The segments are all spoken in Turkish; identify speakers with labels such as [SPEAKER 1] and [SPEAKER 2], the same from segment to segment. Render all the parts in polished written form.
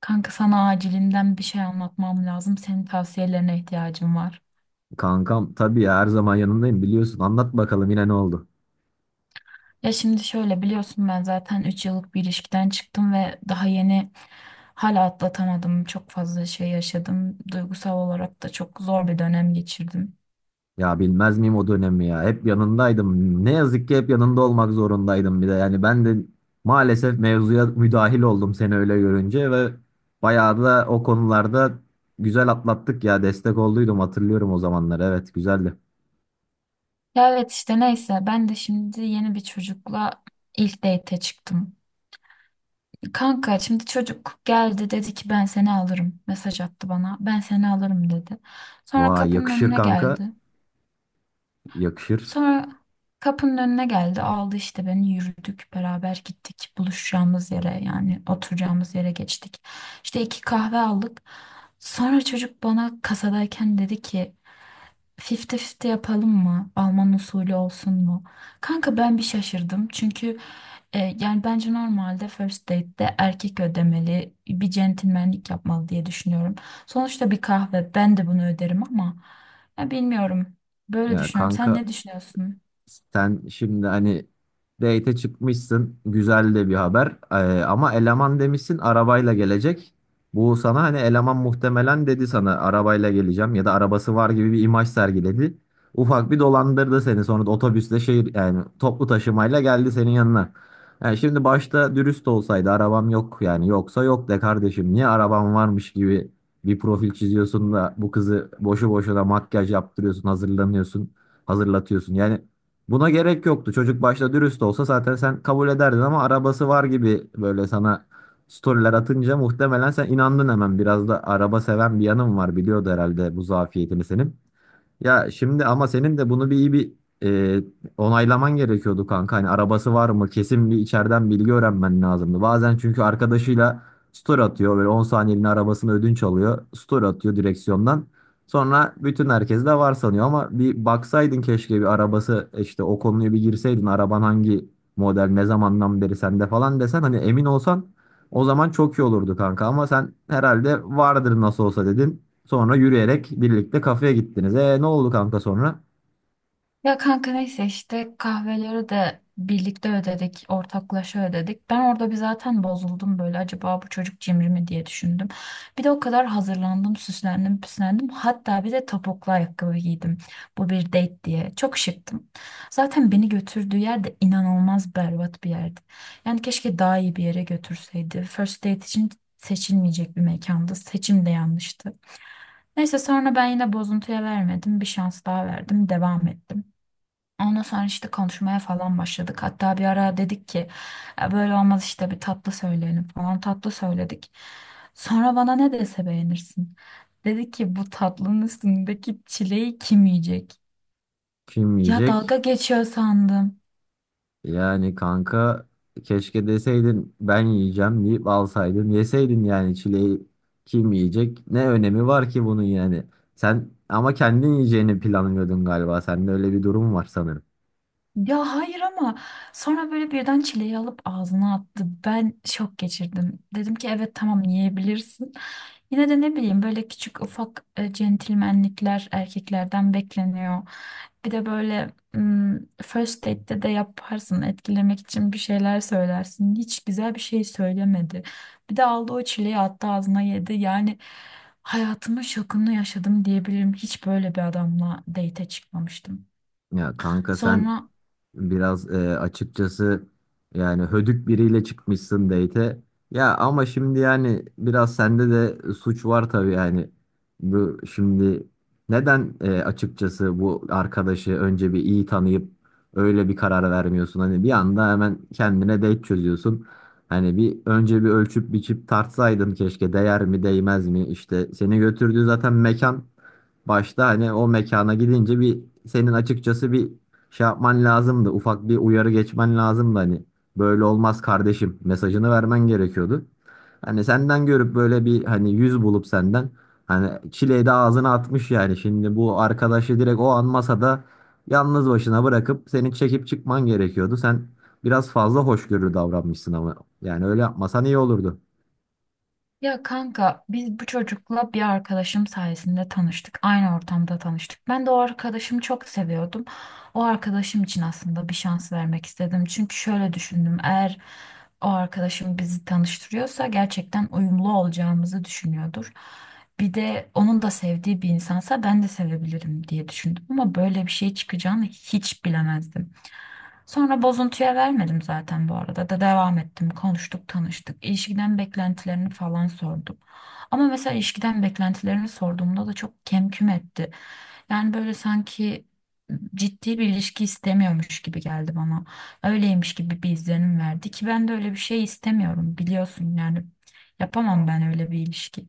[SPEAKER 1] Kanka sana acilinden bir şey anlatmam lazım. Senin tavsiyelerine ihtiyacım var.
[SPEAKER 2] Kankam tabii ya, her zaman yanındayım biliyorsun. Anlat bakalım, yine ne oldu?
[SPEAKER 1] Ya şimdi şöyle biliyorsun ben zaten 3 yıllık bir ilişkiden çıktım ve daha yeni hala atlatamadım. Çok fazla şey yaşadım. Duygusal olarak da çok zor bir dönem geçirdim.
[SPEAKER 2] Ya bilmez miyim o dönemi ya? Hep yanındaydım. Ne yazık ki hep yanında olmak zorundaydım bir de. Yani ben de maalesef mevzuya müdahil oldum seni öyle görünce ve bayağı da o konularda güzel atlattık ya. Destek olduydum, hatırlıyorum o zamanları. Evet, güzeldi.
[SPEAKER 1] Ya evet işte neyse ben de şimdi yeni bir çocukla ilk date'e çıktım. Kanka şimdi çocuk geldi dedi ki ben seni alırım. Mesaj attı bana. Ben seni alırım dedi. Sonra
[SPEAKER 2] Vay,
[SPEAKER 1] kapının
[SPEAKER 2] yakışır
[SPEAKER 1] önüne
[SPEAKER 2] kanka.
[SPEAKER 1] geldi.
[SPEAKER 2] Yakışır.
[SPEAKER 1] Sonra kapının önüne geldi, aldı işte beni, yürüdük beraber gittik buluşacağımız yere yani oturacağımız yere geçtik. İşte 2 kahve aldık. Sonra çocuk bana kasadayken dedi ki 50-50 yapalım mı? Alman usulü olsun mu? Kanka ben bir şaşırdım çünkü yani bence normalde first date'de erkek ödemeli bir centilmenlik yapmalı diye düşünüyorum. Sonuçta bir kahve ben de bunu öderim ama ya bilmiyorum, böyle
[SPEAKER 2] Ya
[SPEAKER 1] düşünüyorum. Sen
[SPEAKER 2] kanka,
[SPEAKER 1] ne düşünüyorsun?
[SPEAKER 2] sen şimdi hani date'e çıkmışsın. Güzel de bir haber. Ama eleman demişsin arabayla gelecek. Bu sana hani eleman muhtemelen dedi sana arabayla geleceğim ya da arabası var gibi bir imaj sergiledi. Ufak bir dolandırdı seni. Sonra da otobüsle şehir, yani toplu taşımayla geldi senin yanına. Yani şimdi başta dürüst olsaydı arabam yok, yani yoksa yok de kardeşim, niye arabam varmış gibi bir profil çiziyorsun da bu kızı boşu boşuna makyaj yaptırıyorsun, hazırlanıyorsun, hazırlatıyorsun yani. Buna gerek yoktu. Çocuk başta dürüst olsa zaten sen kabul ederdin, ama arabası var gibi böyle sana storyler atınca muhtemelen sen inandın hemen. Biraz da araba seven bir yanım var. Biliyordu herhalde bu zafiyetini senin. Ya şimdi ama senin de bunu bir iyi bir e, onaylaman gerekiyordu kanka. Hani arabası var mı? Kesin bir içeriden bilgi öğrenmen lazımdı. Bazen çünkü arkadaşıyla story atıyor. Böyle 10 saniyeliğine arabasını ödünç alıyor. Story atıyor direksiyondan. Sonra bütün herkes de var sanıyor, ama bir baksaydın keşke bir arabası işte o konuya bir girseydin. Araban hangi model, ne zamandan beri sende falan desen, hani emin olsan o zaman çok iyi olurdu kanka. Ama sen herhalde vardır nasıl olsa dedin. Sonra yürüyerek birlikte kafeye gittiniz. E, ne oldu kanka sonra?
[SPEAKER 1] Ya kanka neyse işte kahveleri de birlikte ödedik, ortaklaşa ödedik. Ben orada bir zaten bozuldum, böyle acaba bu çocuk cimri mi diye düşündüm. Bir de o kadar hazırlandım, süslendim, püslendim. Hatta bir de topuklu ayakkabı giydim. Bu bir date diye. Çok şıktım. Zaten beni götürdüğü yer de inanılmaz berbat bir yerdi. Yani keşke daha iyi bir yere götürseydi. First date için seçilmeyecek bir mekanda. Seçim de yanlıştı. Neyse sonra ben yine bozuntuya vermedim. Bir şans daha verdim. Devam ettim. Ondan sonra işte konuşmaya falan başladık. Hatta bir ara dedik ki "Ya böyle olmaz işte, bir tatlı söyleyelim" falan, tatlı söyledik. Sonra bana ne dese beğenirsin. Dedi ki bu tatlının üstündeki çileği kim yiyecek?
[SPEAKER 2] Kim
[SPEAKER 1] Ya
[SPEAKER 2] yiyecek?
[SPEAKER 1] dalga geçiyor sandım.
[SPEAKER 2] Yani kanka, keşke deseydin ben yiyeceğim deyip alsaydın yeseydin yani çileği. Kim yiyecek? Ne önemi var ki bunun yani? Sen ama kendin yiyeceğini planlıyordun galiba. Sende öyle bir durum var sanırım.
[SPEAKER 1] Ya hayır, ama sonra böyle birden çileği alıp ağzına attı. Ben şok geçirdim. Dedim ki evet tamam yiyebilirsin. Yine de ne bileyim, böyle küçük ufak centilmenlikler erkeklerden bekleniyor. Bir de böyle first date'te de yaparsın, etkilemek için bir şeyler söylersin. Hiç güzel bir şey söylemedi. Bir de aldı o çileği attı ağzına yedi. Yani hayatımın şokunu yaşadım diyebilirim. Hiç böyle bir adamla date'e çıkmamıştım.
[SPEAKER 2] Ya kanka, sen
[SPEAKER 1] Sonra
[SPEAKER 2] biraz, açıkçası yani hödük biriyle çıkmışsın date'e. Ya ama şimdi yani biraz sende de suç var tabii yani. Bu şimdi neden, açıkçası bu arkadaşı önce bir iyi tanıyıp öyle bir karar vermiyorsun? Hani bir anda hemen kendine date çözüyorsun. Hani bir önce bir ölçüp biçip tartsaydın keşke, değer mi değmez mi? İşte seni götürdüğü zaten mekan, başta hani o mekana gidince bir senin açıkçası bir şey yapman lazımdı. Ufak bir uyarı geçmen lazımdı hani. Böyle olmaz kardeşim mesajını vermen gerekiyordu. Hani senden görüp böyle bir hani yüz bulup senden hani çileyi de ağzına atmış yani. Şimdi bu arkadaşı direkt o an masada yalnız başına bırakıp seni çekip çıkman gerekiyordu. Sen biraz fazla hoşgörülü davranmışsın, ama yani öyle yapmasan iyi olurdu.
[SPEAKER 1] Ya kanka biz bu çocukla bir arkadaşım sayesinde tanıştık. Aynı ortamda tanıştık. Ben de o arkadaşımı çok seviyordum. O arkadaşım için aslında bir şans vermek istedim. Çünkü şöyle düşündüm. Eğer o arkadaşım bizi tanıştırıyorsa gerçekten uyumlu olacağımızı düşünüyordur. Bir de onun da sevdiği bir insansa ben de sevebilirim diye düşündüm. Ama böyle bir şey çıkacağını hiç bilemezdim. Sonra bozuntuya vermedim zaten, bu arada da devam ettim. Konuştuk, tanıştık. İlişkiden beklentilerini falan sordum. Ama mesela ilişkiden beklentilerini sorduğumda da çok kemküm etti. Yani böyle sanki ciddi bir ilişki istemiyormuş gibi geldi bana. Öyleymiş gibi bir izlenim verdi ki ben de öyle bir şey istemiyorum biliyorsun yani. Yapamam ben öyle bir ilişki.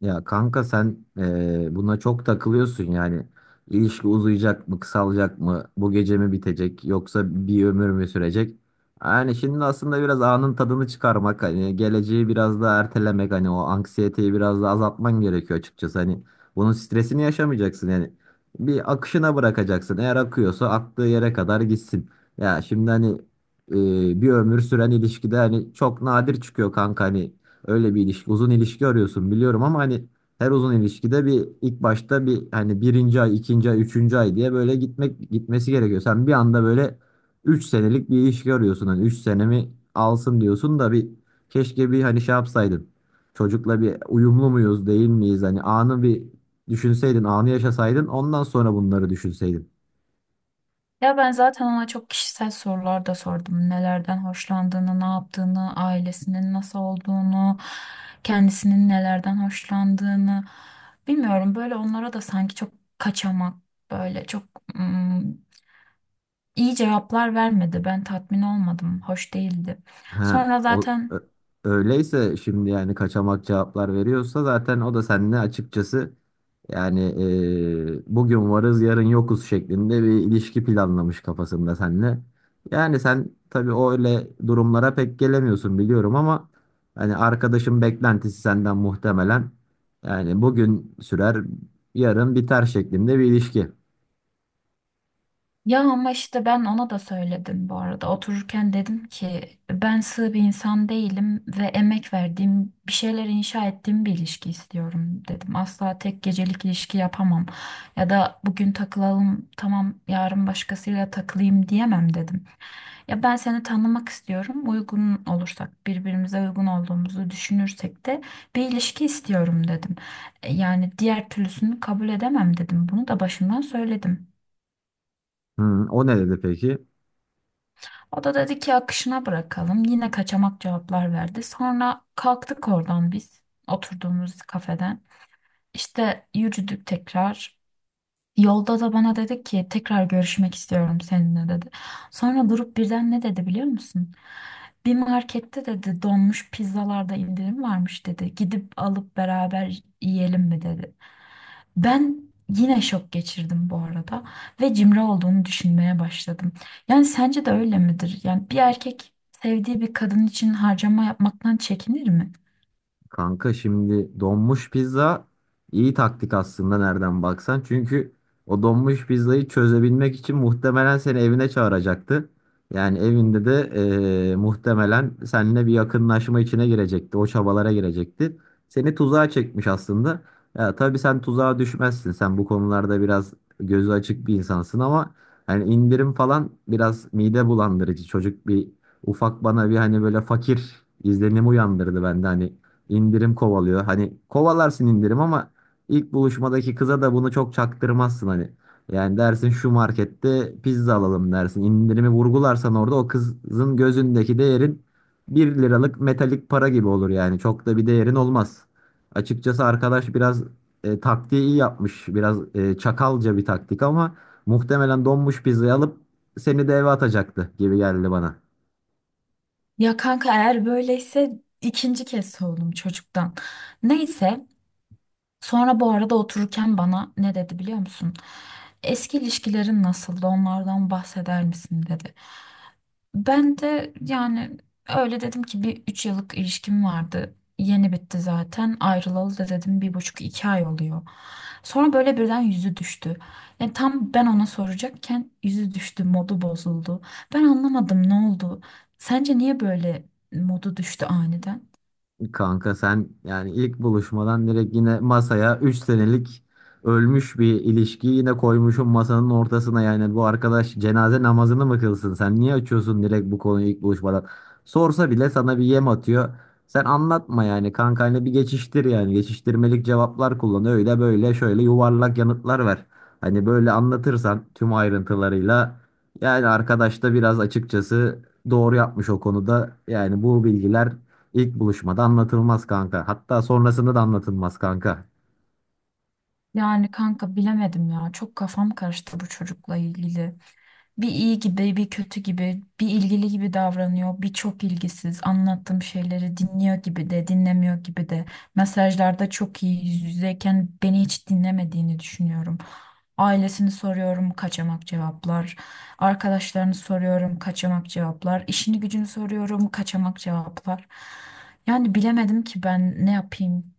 [SPEAKER 2] Ya kanka, sen buna çok takılıyorsun yani. İlişki uzayacak mı, kısalacak mı, bu gece mi bitecek, yoksa bir ömür mü sürecek? Yani şimdi aslında biraz anın tadını çıkarmak, hani geleceği biraz da ertelemek, hani o anksiyeteyi biraz da azaltman gerekiyor açıkçası. Hani bunun stresini yaşamayacaksın yani. Bir akışına bırakacaksın. Eğer akıyorsa aktığı yere kadar gitsin. Ya şimdi hani, bir ömür süren ilişkide hani çok nadir çıkıyor kanka hani. Öyle bir ilişki, uzun ilişki arıyorsun biliyorum ama hani her uzun ilişkide bir ilk başta bir hani birinci ay, ikinci ay, üçüncü ay diye böyle gitmesi gerekiyor. Sen bir anda böyle 3 senelik bir ilişki arıyorsun. Hani 3 senemi alsın diyorsun da bir, keşke bir hani şey yapsaydın. Çocukla bir uyumlu muyuz, değil miyiz? Hani anı bir düşünseydin, anı yaşasaydın, ondan sonra bunları düşünseydin.
[SPEAKER 1] Ya ben zaten ona çok kişisel sorular da sordum. Nelerden hoşlandığını, ne yaptığını, ailesinin nasıl olduğunu, kendisinin nelerden hoşlandığını. Bilmiyorum, böyle onlara da sanki çok kaçamak, böyle çok ım, iyi cevaplar vermedi. Ben tatmin olmadım, hoş değildi.
[SPEAKER 2] Ha,
[SPEAKER 1] Sonra
[SPEAKER 2] o, ö-
[SPEAKER 1] zaten
[SPEAKER 2] öyleyse şimdi yani kaçamak cevaplar veriyorsa, zaten o da seninle açıkçası yani, bugün varız yarın yokuz şeklinde bir ilişki planlamış kafasında seninle. Yani sen tabii o öyle durumlara pek gelemiyorsun biliyorum, ama hani arkadaşın beklentisi senden muhtemelen yani bugün sürer, yarın biter şeklinde bir ilişki.
[SPEAKER 1] Ya ama işte ben ona da söyledim bu arada. Otururken dedim ki ben sığ bir insan değilim ve emek verdiğim, bir şeyler inşa ettiğim bir ilişki istiyorum dedim. Asla tek gecelik ilişki yapamam. Ya da bugün takılalım tamam, yarın başkasıyla takılayım diyemem dedim. Ya ben seni tanımak istiyorum. Uygun olursak, birbirimize uygun olduğumuzu düşünürsek de bir ilişki istiyorum dedim. Yani diğer türlüsünü kabul edemem dedim. Bunu da başından söyledim.
[SPEAKER 2] Hı, o ne dedi peki?
[SPEAKER 1] O da dedi ki akışına bırakalım. Yine kaçamak cevaplar verdi. Sonra kalktık oradan biz, oturduğumuz kafeden. İşte yürüdük tekrar. Yolda da bana dedi ki tekrar görüşmek istiyorum seninle dedi. Sonra durup birden ne dedi biliyor musun? Bir markette dedi donmuş pizzalarda indirim varmış dedi. Gidip alıp beraber yiyelim mi dedi. Ben yine şok geçirdim bu arada ve cimri olduğunu düşünmeye başladım. Yani sence de öyle midir? Yani bir erkek sevdiği bir kadın için harcama yapmaktan çekinir mi?
[SPEAKER 2] Kanka şimdi donmuş pizza iyi taktik aslında nereden baksan. Çünkü o donmuş pizzayı çözebilmek için muhtemelen seni evine çağıracaktı. Yani evinde de muhtemelen seninle bir yakınlaşma içine girecekti. O çabalara girecekti. Seni tuzağa çekmiş aslında. Ya tabii sen tuzağa düşmezsin. Sen bu konularda biraz gözü açık bir insansın, ama hani indirim falan biraz mide bulandırıcı. Çocuk bir ufak bana bir hani böyle fakir izlenimi uyandırdı bende, hani indirim kovalıyor. Hani kovalarsın indirim, ama ilk buluşmadaki kıza da bunu çok çaktırmazsın hani. Yani dersin şu markette pizza alalım dersin. İndirimi vurgularsan orada o kızın gözündeki değerin 1 liralık metalik para gibi olur yani. Çok da bir değerin olmaz. Açıkçası arkadaş biraz taktiği iyi yapmış. Biraz çakalca bir taktik, ama muhtemelen donmuş pizzayı alıp seni de eve atacaktı gibi geldi bana.
[SPEAKER 1] Ya kanka eğer böyleyse ikinci kez soğudum çocuktan. Neyse. Sonra bu arada otururken bana ne dedi biliyor musun? Eski ilişkilerin nasıldı? Onlardan bahseder misin dedi. Ben de yani öyle dedim ki bir 3 yıllık ilişkim vardı. Yeni bitti zaten. Ayrılalı da dedim 1,5 2 ay oluyor. Sonra böyle birden yüzü düştü. Yani tam ben ona soracakken yüzü düştü, modu bozuldu. Ben anlamadım, ne oldu? Sence niye böyle modu düştü aniden?
[SPEAKER 2] Kanka sen yani ilk buluşmadan direkt yine masaya 3 senelik ölmüş bir ilişkiyi yine koymuşum masanın ortasına, yani bu arkadaş cenaze namazını mı kılsın? Sen niye açıyorsun direkt bu konuyu ilk buluşmadan? Sorsa bile sana bir yem atıyor, sen anlatma yani kankayla, bir geçiştir yani, geçiştirmelik cevaplar kullan, öyle böyle şöyle yuvarlak yanıtlar ver. Hani böyle anlatırsan tüm ayrıntılarıyla, yani arkadaş da biraz açıkçası doğru yapmış o konuda yani. Bu bilgiler İlk buluşmada anlatılmaz kanka. Hatta sonrasında da anlatılmaz kanka.
[SPEAKER 1] Yani kanka bilemedim ya. Çok kafam karıştı bu çocukla ilgili. Bir iyi gibi, bir kötü gibi, bir ilgili gibi davranıyor, bir çok ilgisiz. Anlattığım şeyleri dinliyor gibi de, dinlemiyor gibi de. Mesajlarda çok iyi, yüz yüzeyken beni hiç dinlemediğini düşünüyorum. Ailesini soruyorum, kaçamak cevaplar. Arkadaşlarını soruyorum, kaçamak cevaplar. İşini gücünü soruyorum, kaçamak cevaplar. Yani bilemedim ki ben ne yapayım.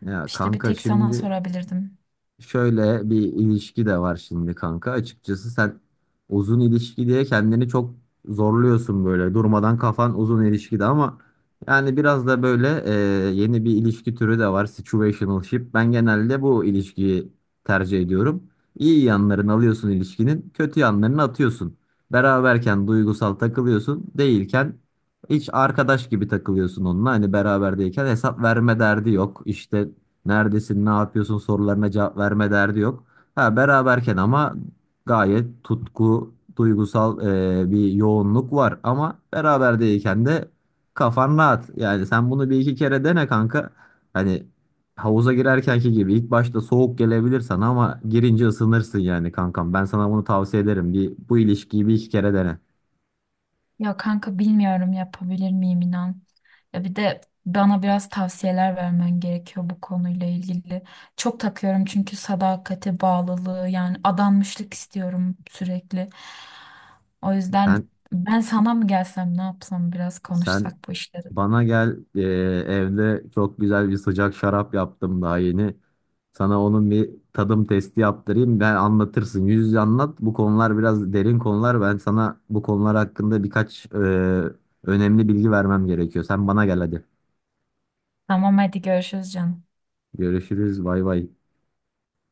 [SPEAKER 2] Ya
[SPEAKER 1] İşte bir
[SPEAKER 2] kanka,
[SPEAKER 1] tek sana
[SPEAKER 2] şimdi
[SPEAKER 1] sorabilirdim.
[SPEAKER 2] şöyle bir ilişki de var şimdi kanka. Açıkçası sen uzun ilişki diye kendini çok zorluyorsun böyle. Durmadan kafan uzun ilişkide, ama yani biraz da böyle yeni bir ilişki türü de var. Situationship. Ben genelde bu ilişkiyi tercih ediyorum. İyi yanlarını alıyorsun ilişkinin, kötü yanlarını atıyorsun. Beraberken duygusal takılıyorsun, değilken hiç arkadaş gibi takılıyorsun onunla. Hani beraberdeyken hesap verme derdi yok. İşte neredesin, ne yapıyorsun sorularına cevap verme derdi yok. Ha, beraberken ama gayet tutku, duygusal bir yoğunluk var. Ama beraber değilken de kafan rahat. Yani sen bunu bir iki kere dene kanka. Hani havuza girerkenki gibi ilk başta soğuk gelebilir sana, ama girince ısınırsın yani kankam. Ben sana bunu tavsiye ederim. Bir, bu ilişkiyi bir iki kere dene.
[SPEAKER 1] Ya kanka bilmiyorum yapabilir miyim, inan. Ya bir de bana biraz tavsiyeler vermen gerekiyor bu konuyla ilgili. Çok takıyorum çünkü sadakati, bağlılığı, yani adanmışlık istiyorum sürekli. O yüzden
[SPEAKER 2] Sen
[SPEAKER 1] ben sana mı gelsem, ne yapsam, biraz
[SPEAKER 2] sen
[SPEAKER 1] konuşsak bu işleri.
[SPEAKER 2] Bana gel, evde çok güzel bir sıcak şarap yaptım daha yeni. Sana onun bir tadım testi yaptırayım. Ben anlatırsın. Yüz yüze anlat. Bu konular biraz derin konular. Ben sana bu konular hakkında birkaç önemli bilgi vermem gerekiyor. Sen bana gel hadi.
[SPEAKER 1] Tamam hadi görüşürüz canım.
[SPEAKER 2] Görüşürüz. Bay bay.